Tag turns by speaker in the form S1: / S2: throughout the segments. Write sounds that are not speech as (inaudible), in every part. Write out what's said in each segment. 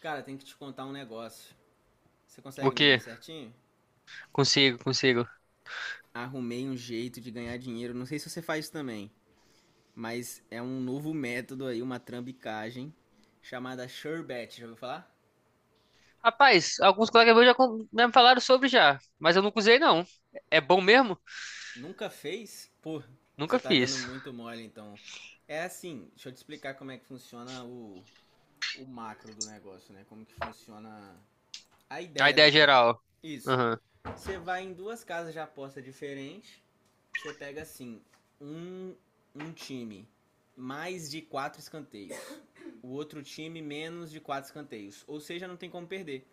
S1: Cara, tem que te contar um negócio. Você
S2: O
S1: consegue me ouvir
S2: quê?
S1: certinho?
S2: Consigo, consigo.
S1: Arrumei um jeito de ganhar dinheiro. Não sei se você faz também, mas é um novo método aí, uma trambicagem chamada SureBet. Já ouviu falar?
S2: Rapaz, alguns colegas meus já me falaram sobre já, mas eu nunca usei não. É bom mesmo?
S1: Nunca fez? Pô, você
S2: Nunca
S1: tá dando
S2: fiz.
S1: muito mole então. É assim, deixa eu te explicar como é que funciona o macro do negócio, né? Como que funciona a
S2: A
S1: ideia do
S2: ideia
S1: trem.
S2: geral.
S1: Isso.
S2: Aham.
S1: Você vai em duas casas de aposta diferentes. Você pega assim, um, um time mais de quatro escanteios. O outro time menos de quatro escanteios. Ou seja, não tem como perder.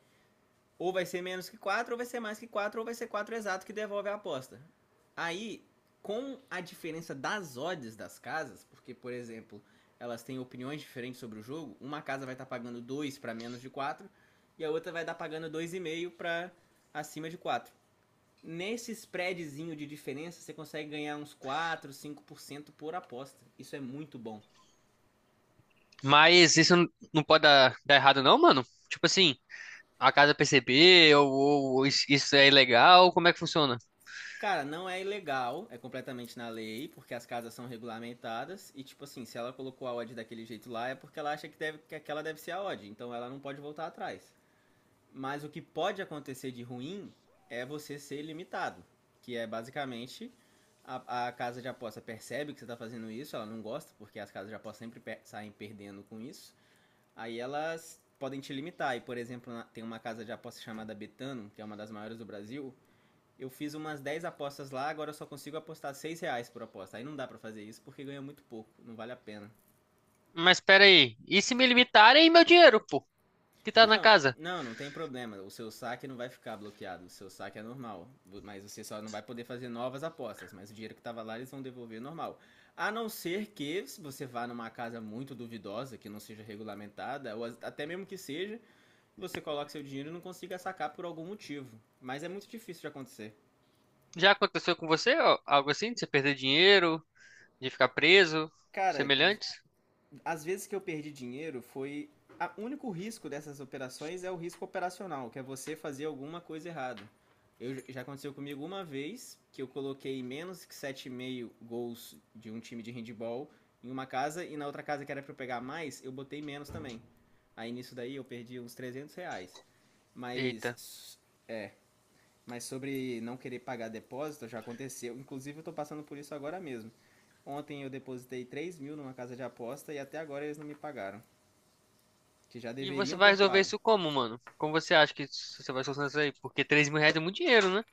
S1: Ou vai ser menos que quatro, ou vai ser mais que quatro, ou vai ser quatro exato que devolve a aposta. Aí, com a diferença das odds das casas, porque, por exemplo, elas têm opiniões diferentes sobre o jogo, uma casa vai estar tá pagando 2 para menos de 4, e a outra vai estar tá pagando 2,5 para acima de 4 nesse spreadzinho de diferença, você consegue ganhar uns 4, 5% por cento por aposta. Isso é muito bom.
S2: Mas isso não pode dar errado não, mano? Tipo assim, a casa perceber ou isso é ilegal, como é que funciona?
S1: Cara, não é ilegal, é completamente na lei, porque as casas são regulamentadas e tipo assim, se ela colocou a odd daquele jeito lá é porque ela acha que deve que aquela deve ser a odd, então ela não pode voltar atrás. Mas o que pode acontecer de ruim é você ser limitado, que é basicamente a casa de aposta percebe que você está fazendo isso, ela não gosta, porque as casas de aposta sempre per saem perdendo com isso. Aí elas podem te limitar. E, por exemplo, tem uma casa de aposta chamada Betano, que é uma das maiores do Brasil. Eu fiz umas 10 apostas lá, agora eu só consigo apostar R$ 6 por aposta. Aí não dá pra fazer isso porque ganha muito pouco, não vale a pena.
S2: Mas pera aí, e se me limitarem e meu dinheiro, pô, que tá na
S1: Não,
S2: casa?
S1: não, não tem problema. O seu saque não vai ficar bloqueado, o seu saque é normal. Mas você só não vai poder fazer novas apostas. Mas o dinheiro que tava lá eles vão devolver normal. A não ser que se você vá numa casa muito duvidosa, que não seja regulamentada, ou até mesmo que seja, você coloca seu dinheiro e não consiga sacar por algum motivo. Mas é muito difícil de acontecer.
S2: Já aconteceu com você ó, algo assim, de você perder dinheiro, de ficar preso,
S1: Cara,
S2: semelhantes?
S1: as vezes que eu perdi dinheiro foi. O único risco dessas operações é o risco operacional, que é você fazer alguma coisa errada. Já aconteceu comigo uma vez que eu coloquei menos que 7,5 gols de um time de handball em uma casa e na outra casa que era para eu pegar mais, eu botei menos também. Aí nisso daí eu perdi uns R$ 300.
S2: Eita.
S1: Mas Mas sobre não querer pagar depósito, já aconteceu. Inclusive, eu estou passando por isso agora mesmo. Ontem eu depositei 3 mil numa casa de aposta e até agora eles não me pagaram. Que já
S2: E você
S1: deveriam
S2: vai
S1: ter
S2: resolver
S1: pago.
S2: isso como, mano? Como você acha que você vai solucionar isso aí? Porque R$ 3.000 é muito dinheiro, né?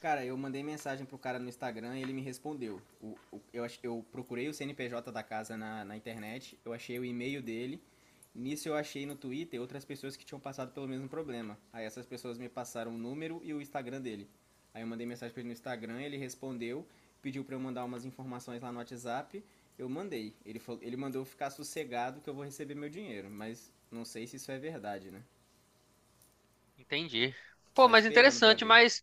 S1: Cara, eu mandei mensagem pro cara no Instagram e ele me respondeu. Eu procurei o CNPJ da casa na internet, eu achei o e-mail dele. Nisso eu achei no Twitter outras pessoas que tinham passado pelo mesmo problema. Aí essas pessoas me passaram o número e o Instagram dele. Aí eu mandei mensagem pra ele no Instagram, ele respondeu, pediu pra eu mandar umas informações lá no WhatsApp. Eu mandei. Ele mandou eu ficar sossegado que eu vou receber meu dinheiro, mas não sei se isso é verdade, né?
S2: Entendi.
S1: Só
S2: Pô, mas
S1: esperando pra
S2: interessante,
S1: ver.
S2: mas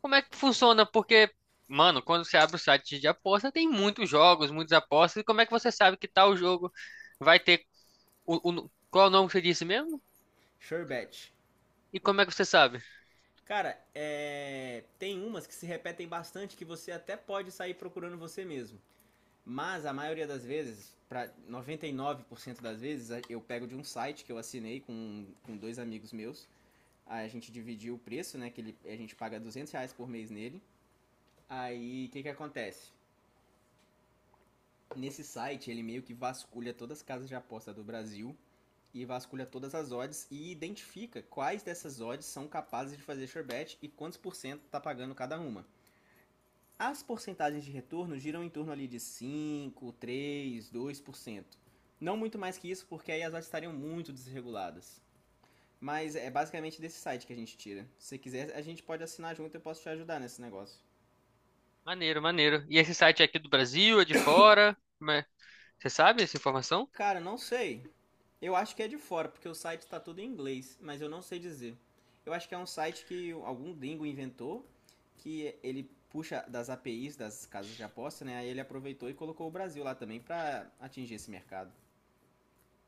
S2: como é que funciona? Porque, mano, quando você abre o site de aposta, tem muitos jogos, muitas apostas. E como é que você sabe que tal jogo vai ter. Qual é o nome que você disse mesmo?
S1: Sherbet.
S2: E como é que você sabe?
S1: Cara, tem umas que se repetem bastante que você até pode sair procurando você mesmo. Mas a maioria das vezes, para cento das vezes, eu pego de um site que eu assinei com dois amigos meus. Aí a gente dividiu o preço, né? Que ele, a gente paga R$ 200 por mês nele. Aí o que, que acontece? Nesse site ele meio que vasculha todas as casas de aposta do Brasil e vasculha todas as odds e identifica quais dessas odds são capazes de fazer sure bet e quantos por cento tá pagando cada uma. As porcentagens de retorno giram em torno ali de 5%, 3%, 2%. Não muito mais que isso, porque aí as odds estariam muito desreguladas. Mas é basicamente desse site que a gente tira. Se você quiser, a gente pode assinar junto, e eu posso te ajudar nesse negócio.
S2: Maneiro, maneiro. E esse site é aqui do Brasil, é de fora? Como é? Você sabe essa informação?
S1: Cara, não sei. Eu acho que é de fora, porque o site está todo em inglês, mas eu não sei dizer. Eu acho que é um site que algum gringo inventou, que ele puxa das APIs das casas de aposta, né? Aí ele aproveitou e colocou o Brasil lá também para atingir esse mercado.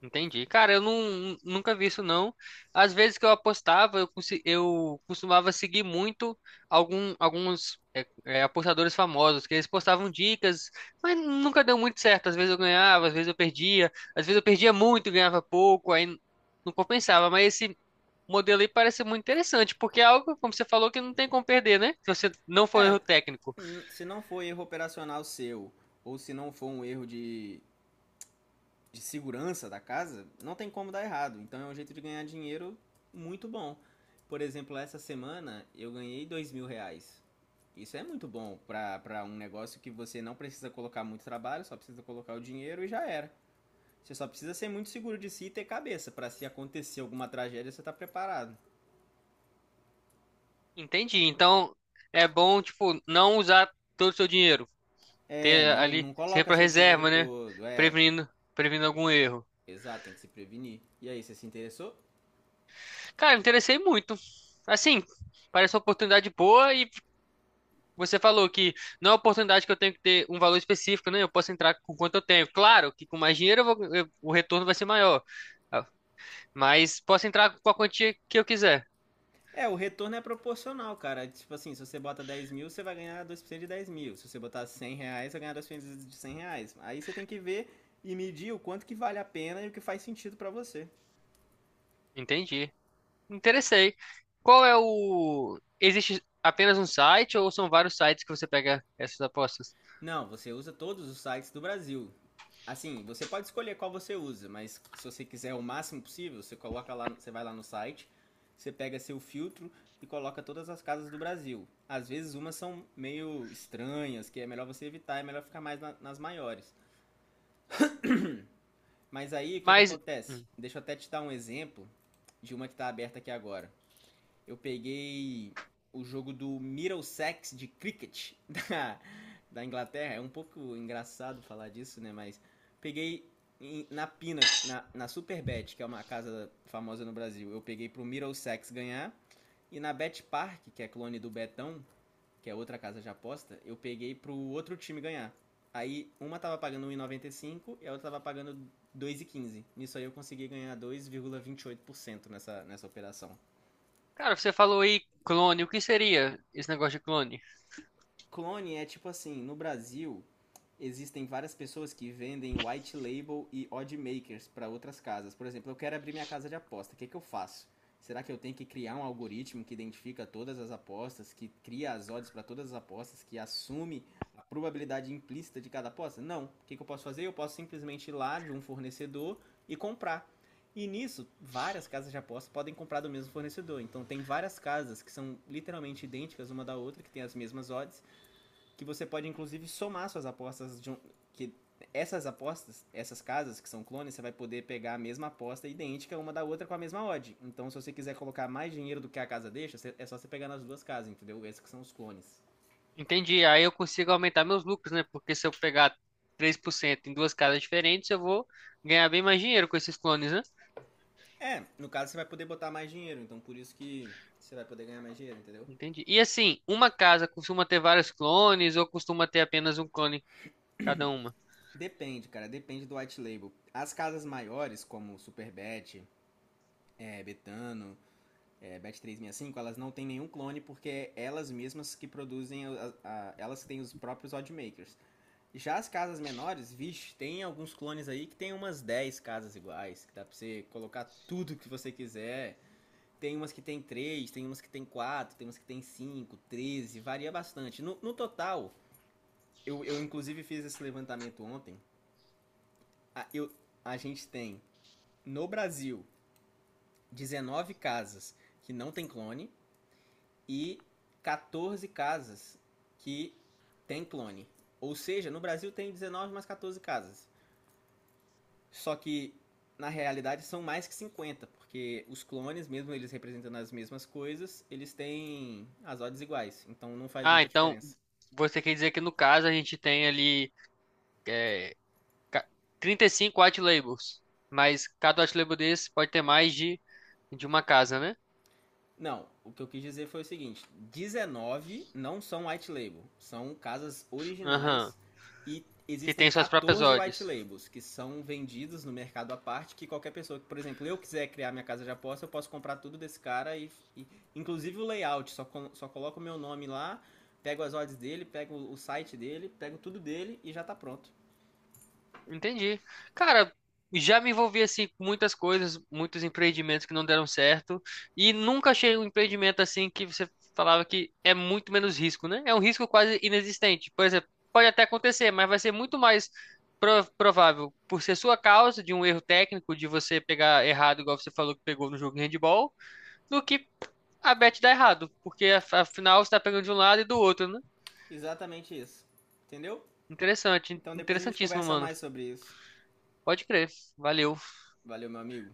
S2: Entendi. Cara, eu não, nunca vi isso não. Às vezes que eu apostava, eu costumava seguir muito alguns apostadores famosos, que eles postavam dicas, mas nunca deu muito certo. Às vezes eu ganhava, às vezes eu perdia, às vezes eu perdia muito, e ganhava pouco, aí não compensava. Mas esse modelo aí parece muito interessante, porque é algo, como você falou, que não tem como perder, né? Se você não for
S1: É,
S2: erro técnico.
S1: se não for erro operacional seu, ou se não for um erro de segurança da casa, não tem como dar errado. Então é um jeito de ganhar dinheiro muito bom. Por exemplo, essa semana eu ganhei R$ 2 mil. Isso é muito bom para um negócio que você não precisa colocar muito trabalho, só precisa colocar o dinheiro e já era. Você só precisa ser muito seguro de si e ter cabeça para se acontecer alguma tragédia você tá preparado.
S2: Entendi. Então, é bom, tipo, não usar todo o seu dinheiro.
S1: É,
S2: Ter
S1: não,
S2: ali
S1: não coloca
S2: sempre a
S1: seu dinheiro
S2: reserva, né?
S1: todo, é.
S2: Prevenindo, prevenindo algum erro.
S1: Exato, tem que se prevenir. E aí, você se interessou?
S2: Cara, me interessei muito. Assim, parece uma oportunidade boa e você falou que não é uma oportunidade que eu tenho que ter um valor específico, né? Eu posso entrar com quanto eu tenho. Claro que com mais dinheiro o retorno vai ser maior. Ah, mas posso entrar com a quantia que eu quiser.
S1: É, o retorno é proporcional, cara. Tipo assim, se você bota 10 mil, você vai ganhar 2% de 10 mil. Se você botar R$ 100, você vai ganhar 2% de R$ 100. Aí você tem que ver e medir o quanto que vale a pena e o que faz sentido pra você.
S2: Entendi. Me interessei. Qual é existe apenas um site ou são vários sites que você pega essas apostas?
S1: Não, você usa todos os sites do Brasil. Assim, você pode escolher qual você usa, mas se você quiser o máximo possível, você coloca lá, você vai lá no site, você pega seu filtro e coloca todas as casas do Brasil. Às vezes umas são meio estranhas, que é melhor você evitar, é melhor ficar mais nas maiores. Mas aí, o que que
S2: Mas...
S1: acontece?
S2: hum.
S1: Deixa eu até te dar um exemplo de uma que tá aberta aqui agora. Eu peguei o jogo do Middlesex de cricket (laughs) da Inglaterra. É um pouco engraçado falar disso, né? Mas peguei na Pina, na Superbet, que é uma casa famosa no Brasil. Eu peguei pro Middlesex ganhar. E na Bet Park, que é clone do Betão, que é outra casa de aposta, eu peguei pro outro time ganhar. Aí uma tava pagando 1,95 e noventa e cinco centavos e a outra tava pagando 2,15. Nisso aí eu consegui ganhar 2,28% nessa operação.
S2: Cara, você falou aí clone, o que seria esse negócio de clone?
S1: Clone é tipo assim, no Brasil existem várias pessoas que vendem white label e odd makers para outras casas. Por exemplo, eu quero abrir minha casa de aposta, o que, que eu faço? Será que eu tenho que criar um algoritmo que identifica todas as apostas, que cria as odds para todas as apostas, que assume a probabilidade implícita de cada aposta? Não. O que, que eu posso fazer? Eu posso simplesmente ir lá de um fornecedor e comprar. E nisso, várias casas de aposta podem comprar do mesmo fornecedor. Então, tem várias casas que são literalmente idênticas uma da outra, que têm as mesmas odds, que você pode inclusive somar suas apostas de um, que essas apostas, essas casas que são clones, você vai poder pegar a mesma aposta idêntica uma da outra com a mesma odd. Então, se você quiser colocar mais dinheiro do que a casa deixa, é só você pegar nas duas casas, entendeu? Esses que são os clones.
S2: Entendi, aí eu consigo aumentar meus lucros, né? Porque se eu pegar 3% em duas casas diferentes, eu vou ganhar bem mais dinheiro com esses clones, né?
S1: É, no caso você vai poder botar mais dinheiro, então por isso que você vai poder ganhar mais dinheiro, entendeu?
S2: Entendi. E assim, uma casa costuma ter vários clones ou costuma ter apenas um clone cada uma?
S1: Depende, cara, depende do white label. As casas maiores, como Superbet, Betano, Bet365, elas não têm nenhum clone porque é elas mesmas que produzem, elas que têm os próprios oddmakers. Já as casas menores, vixe, tem alguns clones aí que tem umas 10 casas iguais, que dá pra você colocar tudo que você quiser. Tem umas que tem 3 tem umas que tem 4 tem umas que tem 5 13 varia bastante. No total, eu inclusive fiz esse levantamento ontem, a, eu, a gente tem no Brasil 19 casas que não tem clone, e 14 casas que tem clone. Ou seja, no Brasil tem 19 mais 14 casas. Só que na realidade são mais que 50, porque os clones, mesmo eles representando as mesmas coisas, eles têm as odds iguais, então não faz
S2: Ah,
S1: muita
S2: então
S1: diferença.
S2: você quer dizer que no caso a gente tem ali é, ca- 35 white labels, mas cada white label desse pode ter mais de uma casa, né?
S1: Não, o que eu quis dizer foi o seguinte: 19 não são white label, são casas
S2: Aham.
S1: originais e
S2: Que
S1: existem
S2: tem suas próprias
S1: 14
S2: odds.
S1: white labels que são vendidos no mercado à parte. Que qualquer pessoa que, por exemplo, eu quiser criar minha casa de aposta, eu posso comprar tudo desse cara e inclusive o layout, só coloco o meu nome lá, pego as odds dele, pego o site dele, pego tudo dele e já tá pronto.
S2: Entendi. Cara, já me envolvi assim com muitas coisas, muitos empreendimentos que não deram certo e nunca achei um empreendimento assim que você falava que é muito menos risco, né? É um risco quase inexistente. Por exemplo, pode até acontecer, mas vai ser muito mais provável por ser sua causa de um erro técnico, de você pegar errado, igual você falou que pegou no jogo de handball, do que a bet dar errado, porque afinal você tá pegando de um lado e do outro, né?
S1: Exatamente isso, entendeu?
S2: Interessante,
S1: Então depois a gente
S2: interessantíssimo,
S1: conversa
S2: mano.
S1: mais sobre isso.
S2: Pode crer. Valeu.
S1: Valeu, meu amigo.